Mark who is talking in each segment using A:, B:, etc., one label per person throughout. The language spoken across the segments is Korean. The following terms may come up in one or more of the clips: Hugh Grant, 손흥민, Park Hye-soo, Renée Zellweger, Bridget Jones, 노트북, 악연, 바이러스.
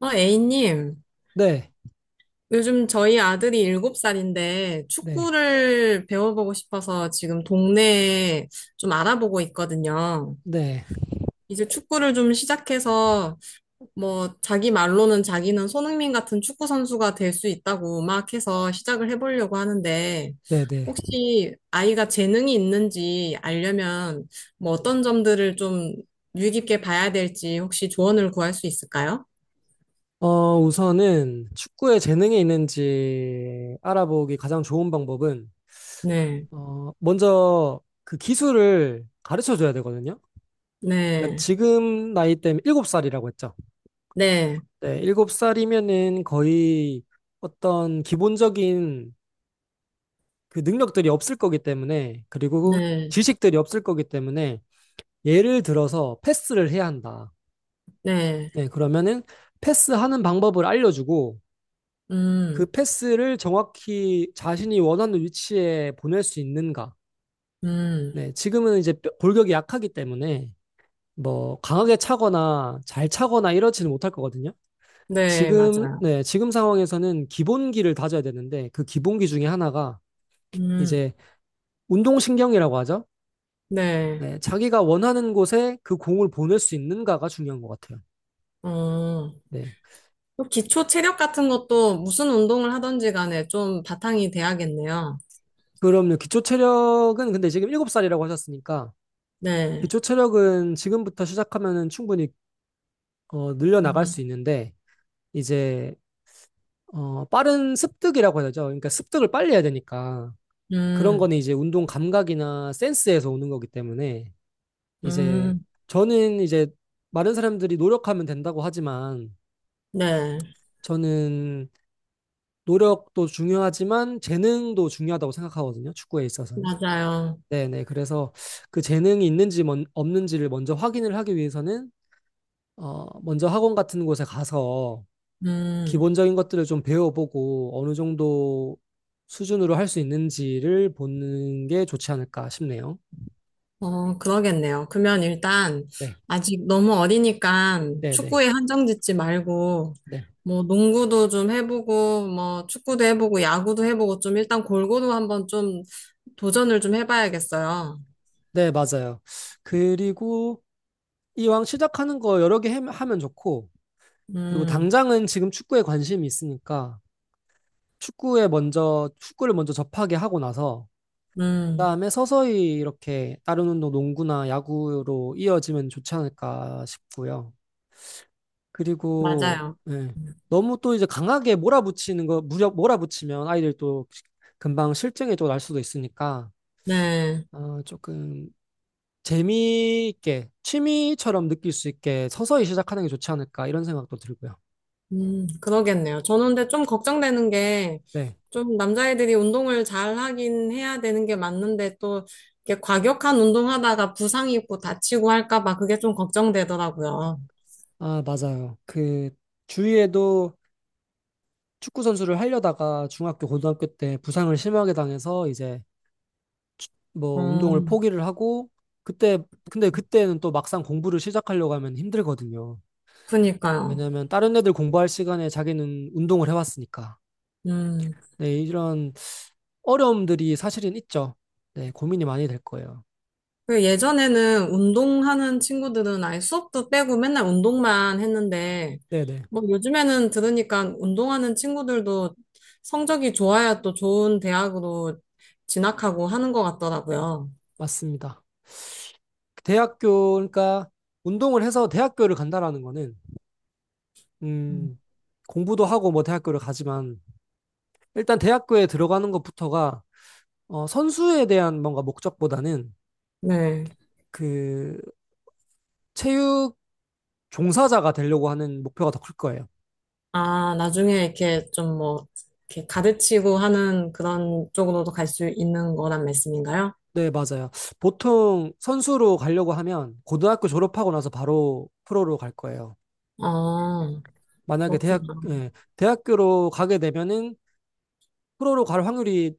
A: A님,
B: 네,
A: 요즘 저희 아들이 7살인데
B: 네,
A: 축구를 배워보고 싶어서 지금 동네에 좀 알아보고 있거든요.
B: 네,
A: 이제 축구를 좀 시작해서 뭐 자기 말로는 자기는 손흥민 같은 축구 선수가 될 수 있다고 막 해서 시작을 해보려고 하는데
B: 네, 네.
A: 혹시 아이가 재능이 있는지 알려면 뭐 어떤 점들을 좀 유의 깊게 봐야 될지 혹시 조언을 구할 수 있을까요?
B: 우선은 축구에 재능이 있는지 알아보기 가장 좋은 방법은,
A: 네,
B: 먼저 그 기술을 가르쳐 줘야 되거든요. 그러니까
A: 네,
B: 지금 나이 때문에 7살이라고 했죠.
A: 네.
B: 네, 7살이면은 거의 어떤 기본적인 그 능력들이 없을 거기 때문에, 그리고
A: 네,
B: 지식들이 없을 거기 때문에, 예를 들어서 패스를 해야 한다.
A: 네.
B: 네, 그러면은 패스하는 방법을 알려주고, 그
A: 음,
B: 패스를 정확히 자신이 원하는 위치에 보낼 수 있는가.
A: 음,
B: 네, 지금은 이제 골격이 약하기 때문에 뭐 강하게 차거나 잘 차거나 이러지는 못할 거거든요.
A: 네,
B: 지금,
A: 맞아요.
B: 네, 지금 상황에서는 기본기를 다져야 되는데 그 기본기 중에 하나가
A: 음,
B: 이제 운동신경이라고 하죠.
A: 네.
B: 네, 자기가 원하는 곳에 그 공을 보낼 수 있는가가 중요한 것 같아요.
A: 어,
B: 네.
A: 또 기초 체력 같은 것도 무슨 운동을 하든지 간에 좀 바탕이 돼야겠네요.
B: 그럼요. 기초 체력은 근데 지금 7살이라고 하셨으니까
A: 네.
B: 기초 체력은 지금부터 시작하면 충분히 늘려나갈
A: 음,
B: 수 있는데 이제 빠른 습득이라고 해야 되죠. 그러니까 습득을 빨리 해야 되니까 그런
A: 음,
B: 거는 이제 운동 감각이나 센스에서 오는 거기 때문에 이제
A: 음,
B: 저는 이제 많은 사람들이 노력하면 된다고 하지만
A: 네,
B: 저는 노력도 중요하지만 재능도 중요하다고 생각하거든요. 축구에 있어서는.
A: 맞아요.
B: 네네. 그래서 그 재능이 있는지 없는지를 먼저 확인을 하기 위해서는 먼저 학원 같은 곳에 가서
A: 음.
B: 기본적인 것들을 좀 배워보고 어느 정도 수준으로 할 수 있는지를 보는 게 좋지 않을까 싶네요.
A: 어, 그러겠네요. 그러면 일단
B: 네,
A: 아직 너무 어리니까
B: 네, 네,
A: 축구에 한정 짓지 말고
B: 네,
A: 뭐 농구도 좀 해보고 뭐 축구도 해보고 야구도 해보고 좀 일단 골고루 한번 좀 도전을 좀 해봐야겠어요.
B: 네, 맞아요. 그리고 이왕 시작하는 거 여러 개 하면 좋고, 그리고
A: 음,
B: 당장은 지금 축구에 관심이 있으니까 축구에 먼저 축구를 먼저 접하게 하고 나서
A: 음,
B: 그다음에 서서히 이렇게 다른 운동, 농구나 야구로 이어지면 좋지 않을까 싶고요. 그리고
A: 맞아요.
B: 예. 너무 또 이제 강하게 몰아붙이는 거 무력 몰아붙이면 아이들 또 금방 실증에 또 날 수도 있으니까
A: 네.
B: 조금 재미있게 취미처럼 느낄 수 있게 서서히 시작하는 게 좋지 않을까 이런 생각도 들고요.
A: 그러겠네요. 저는 근데 좀 걱정되는 게,
B: 네.
A: 좀 남자애들이 운동을 잘 하긴 해야 되는 게 맞는데, 또, 이렇게 과격한 운동하다가 부상 입고 다치고 할까봐 그게 좀 걱정되더라고요.
B: 아, 맞아요. 그 주위에도 축구 선수를 하려다가 중학교 고등학교 때 부상을 심하게 당해서 이제 뭐 운동을
A: 어,
B: 포기를 하고 그때 근데 그때는 또 막상 공부를 시작하려고 하면 힘들거든요.
A: 그니까요.
B: 왜냐면 다른 애들 공부할 시간에 자기는 운동을 해왔으니까.
A: 음.
B: 네, 이런 어려움들이 사실은 있죠. 네, 고민이 많이 될 거예요.
A: 그 예전에는 운동하는 친구들은 아예 수업도 빼고 맨날 운동만 했는데,
B: 네네,
A: 뭐 요즘에는 들으니까 운동하는 친구들도 성적이 좋아야 또 좋은 대학으로 진학하고 하는 것 같더라고요.
B: 맞습니다. 대학교, 그러니까 운동을 해서 대학교를 간다라는 거는,
A: 음.
B: 음, 공부도 하고 뭐 대학교를 가지만, 일단 대학교에 들어가는 것부터가, 선수에 대한 뭔가 목적보다는
A: 네.
B: 그 체육 종사자가 되려고 하는 목표가 더 클 거예요.
A: 아, 나중에 이렇게 좀 뭐, 이렇게 가르치고 하는 그런 쪽으로도 갈 수 있는 거란 말씀인가요?
B: 네, 맞아요. 보통 선수로 가려고 하면 고등학교 졸업하고 나서 바로 프로로 갈 거예요.
A: 아,
B: 만약에 대학,
A: 그렇구나.
B: 예, 대학교로 가게 되면은 프로로 갈 확률이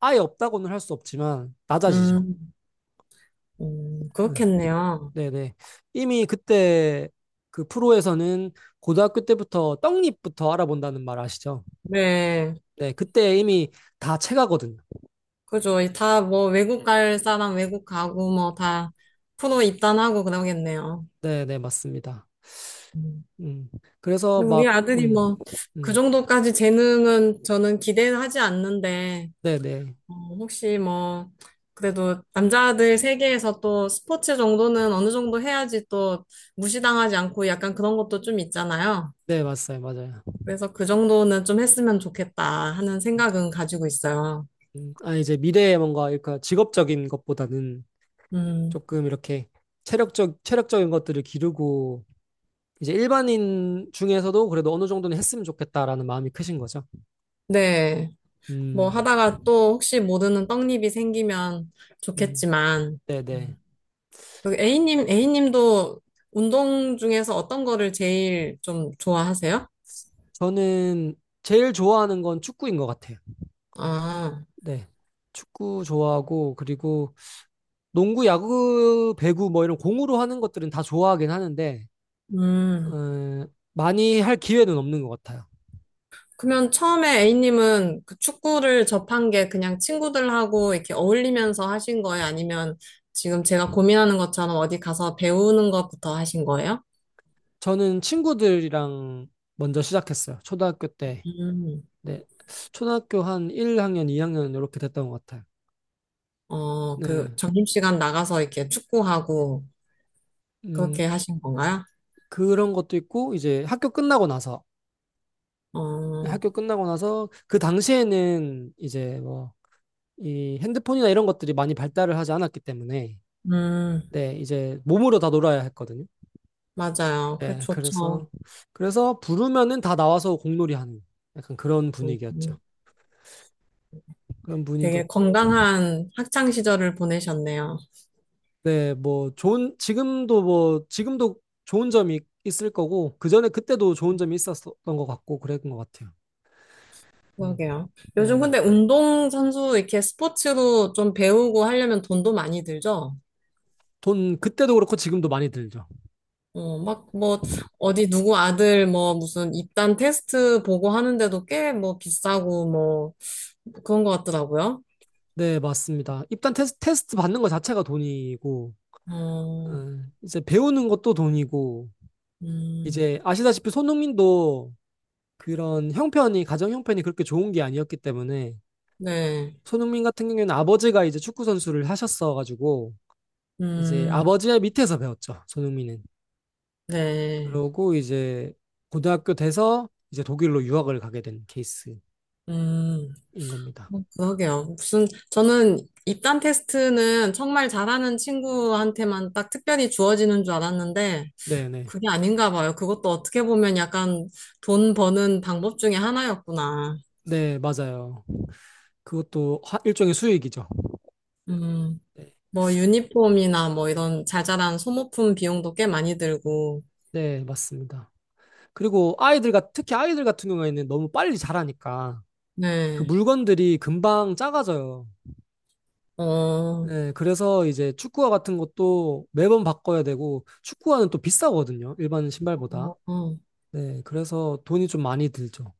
B: 아예 없다고는 할 수 없지만 낮아지죠.
A: 음, 그렇겠네요.
B: 예, 네네. 이미 그때 그 프로에서는 고등학교 때부터 떡잎부터 알아본다는 말 아시죠?
A: 네.
B: 네, 그때 이미 다 체가거든요.
A: 그죠. 다 뭐, 외국 갈 사람 외국 가고 뭐, 다 프로 입단하고 그러겠네요.
B: 네네, 맞습니다.
A: 음.
B: 음, 그래서
A: 근데 우리
B: 막,
A: 아들이 뭐, 그
B: 음,
A: 정도까지 재능은 저는 기대하지 않는데,
B: 네네.
A: 어, 혹시 뭐, 그래도 남자들 세계에서 또 스포츠 정도는 어느 정도 해야지 또 무시당하지 않고 약간 그런 것도 좀 있잖아요.
B: 네, 맞아요, 맞아요.
A: 그래서 그 정도는 좀 했으면 좋겠다 하는 생각은 가지고 있어요.
B: 아, 이제 미래에 뭔가, 그러니까 직업적인 것보다는
A: 음,
B: 조금 이렇게 체력적, 체력적인 것들을 기르고, 이제 일반인 중에서도 그래도 어느 정도는 했으면 좋겠다라는 마음이 크신 거죠.
A: 네. 뭐
B: 음,
A: 하다가 또 혹시 모르는 떡잎이 생기면
B: 음,
A: 좋겠지만,
B: 네네.
A: 음. 그 A님, A님도 운동 중에서 어떤 거를 제일 좀 좋아하세요?
B: 저는 제일 좋아하는 건 축구인 것 같아요.
A: 아,
B: 네. 축구 좋아하고, 그리고 농구, 야구, 배구 뭐 이런 공으로 하는 것들은 다 좋아하긴 하는데,
A: 음.
B: 어, 많이 할 기회는 없는 것 같아요.
A: 그러면 처음에 A님은 그 축구를 접한 게 그냥 친구들하고 이렇게 어울리면서 하신 거예요? 아니면 지금 제가 고민하는 것처럼 어디 가서 배우는 것부터 하신 거예요?
B: 저는 친구들이랑 먼저 시작했어요. 초등학교 때.
A: 음.
B: 네. 초등학교 한 1학년, 2학년 이렇게 됐던 것 같아요.
A: 어,
B: 네.
A: 그 점심시간 나가서 이렇게 축구하고
B: 음,
A: 그렇게 하신 건가요?
B: 그런 것도 있고, 이제 학교 끝나고 나서,
A: 어,
B: 학교 끝나고 나서, 그 당시에는 이제 뭐, 이 핸드폰이나 이런 것들이 많이 발달을 하지 않았기 때문에,
A: 음,
B: 네, 이제 몸으로 다 놀아야 했거든요.
A: 맞아요. 그
B: 네,
A: 좋죠.
B: 그래서, 그래서 부르면은 다 나와서 공놀이 하는 약간 그런
A: 음,
B: 분위기였죠.
A: 음.
B: 그런 분위기,
A: 되게 건강한 학창 시절을 보내셨네요.
B: 네, 뭐 좋은 지금도 뭐 지금도 좋은 점이 있을 거고 그전에 그때도 좋은 점이 있었던 것 같고 그랬던 것 같아요. 음,
A: 그러게요. 요즘
B: 네.
A: 근데 운동선수 이렇게 스포츠로 좀 배우고 하려면 돈도 많이 들죠?
B: 돈 그때도 그렇고 지금도 많이 들죠.
A: 어, 막, 뭐, 어디 누구 아들, 뭐, 무슨 입단 테스트 보고 하는데도 꽤, 뭐, 비싸고, 뭐, 그런 것 같더라고요.
B: 네, 맞습니다. 입단 테스트 받는 것 자체가 돈이고
A: 어,
B: 이제 배우는 것도 돈이고
A: 음,
B: 이제 아시다시피 손흥민도 그런 형편이 가정 형편이 그렇게 좋은 게 아니었기 때문에
A: 네,
B: 손흥민 같은 경우에는 아버지가 이제 축구 선수를 하셨어 가지고 이제
A: 음,
B: 아버지의 밑에서 배웠죠. 손흥민은.
A: 네,
B: 그러고 이제 고등학교 돼서 이제 독일로 유학을 가게 된 케이스인
A: 음,
B: 겁니다.
A: 뭐 그러게요. 무슨, 저는 입단 테스트는 정말 잘하는 친구한테만 딱 특별히 주어지는 줄 알았는데,
B: 네네. 네,
A: 그게 아닌가 봐요. 그것도 어떻게 보면 약간 돈 버는 방법 중에 하나였구나.
B: 네, 맞아요. 그것도 일종의 수익이죠.
A: 음.
B: 네,
A: 뭐 유니폼이나 뭐 이런 자잘한 소모품 비용도 꽤 많이 들고,
B: 네, 맞습니다. 그리고 아이들과 특히 아이들 같은 경우에는 너무 빨리 자라니까 그
A: 네.
B: 물건들이 금방 작아져요.
A: 어, 어,
B: 네, 그래서 이제 축구화 같은 것도 매번 바꿔야 되고 축구화는 또 비싸거든요. 일반 신발보다.
A: 어,
B: 네, 그래서 돈이 좀 많이 들죠.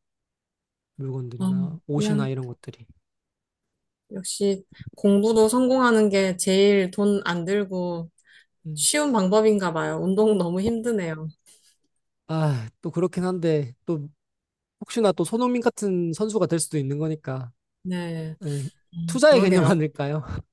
A: 어.
B: 물건들이나 옷이나
A: 그냥
B: 이런 것들이.
A: 역시 공부도 성공하는 게 제일 돈 안 들고
B: 음.
A: 쉬운 방법인가 봐요. 운동 너무 힘드네요.
B: 아, 또 그렇긴 한데, 또 혹시나 또 손흥민 같은 선수가 될 수도 있는 거니까.
A: 네.
B: 네, 투자의 개념
A: 그러게요.
B: 아닐까요?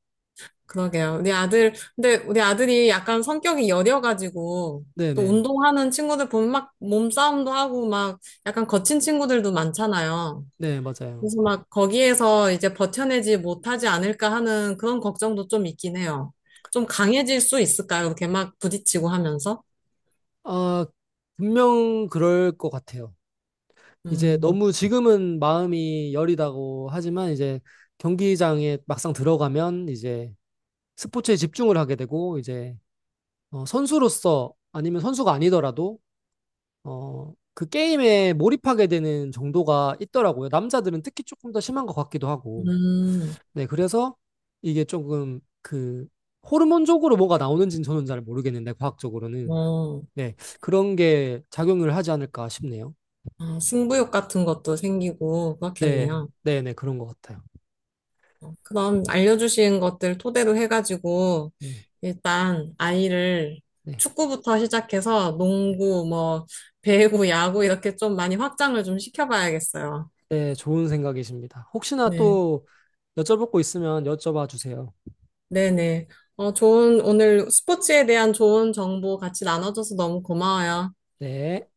A: 그러게요. 우리 아들, 근데 우리 아들이 약간 성격이 여려가지고 또
B: 네네.
A: 운동하는 친구들 보면 막 몸싸움도 하고 막 약간 거친 친구들도 많잖아요.
B: 네, 맞아요.
A: 그래서 막 거기에서 이제 버텨내지 못하지 않을까 하는 그런 걱정도 좀 있긴 해요. 좀 강해질 수 있을까요? 이렇게 막 부딪히고 하면서?
B: 아, 분명 그럴 것 같아요. 이제
A: 음,
B: 너무 지금은 마음이 여리다고 하지만 이제 경기장에 막상 들어가면 이제 스포츠에 집중을 하게 되고 이제 선수로서 아니면 선수가 아니더라도 그 게임에 몰입하게 되는 정도가 있더라고요. 남자들은 특히 조금 더 심한 것 같기도 하고.
A: 음,
B: 네, 그래서 이게 조금 그 호르몬적으로 뭐가 나오는지는 저는 잘 모르겠는데 과학적으로는
A: 어,
B: 네, 그런 게 작용을 하지 않을까 싶네요.
A: 아, 승부욕 같은 것도 생기고
B: 네,
A: 그렇겠네요.
B: 네, 네, 그런 것 같아요.
A: 어, 그럼 알려주신 것들 토대로 해가지고
B: 네,
A: 일단 아이를
B: 네,
A: 축구부터 시작해서 농구, 뭐, 배구, 야구 이렇게 좀 많이 확장을 좀 시켜봐야겠어요.
B: 네, 좋은 생각이십니다. 혹시나
A: 네.
B: 또 여쭤볼 거 있으면 여쭤봐 주세요.
A: 네네. 어, 좋은, 오늘 스포츠에 대한 좋은 정보 같이 나눠줘서 너무 고마워요.
B: 네.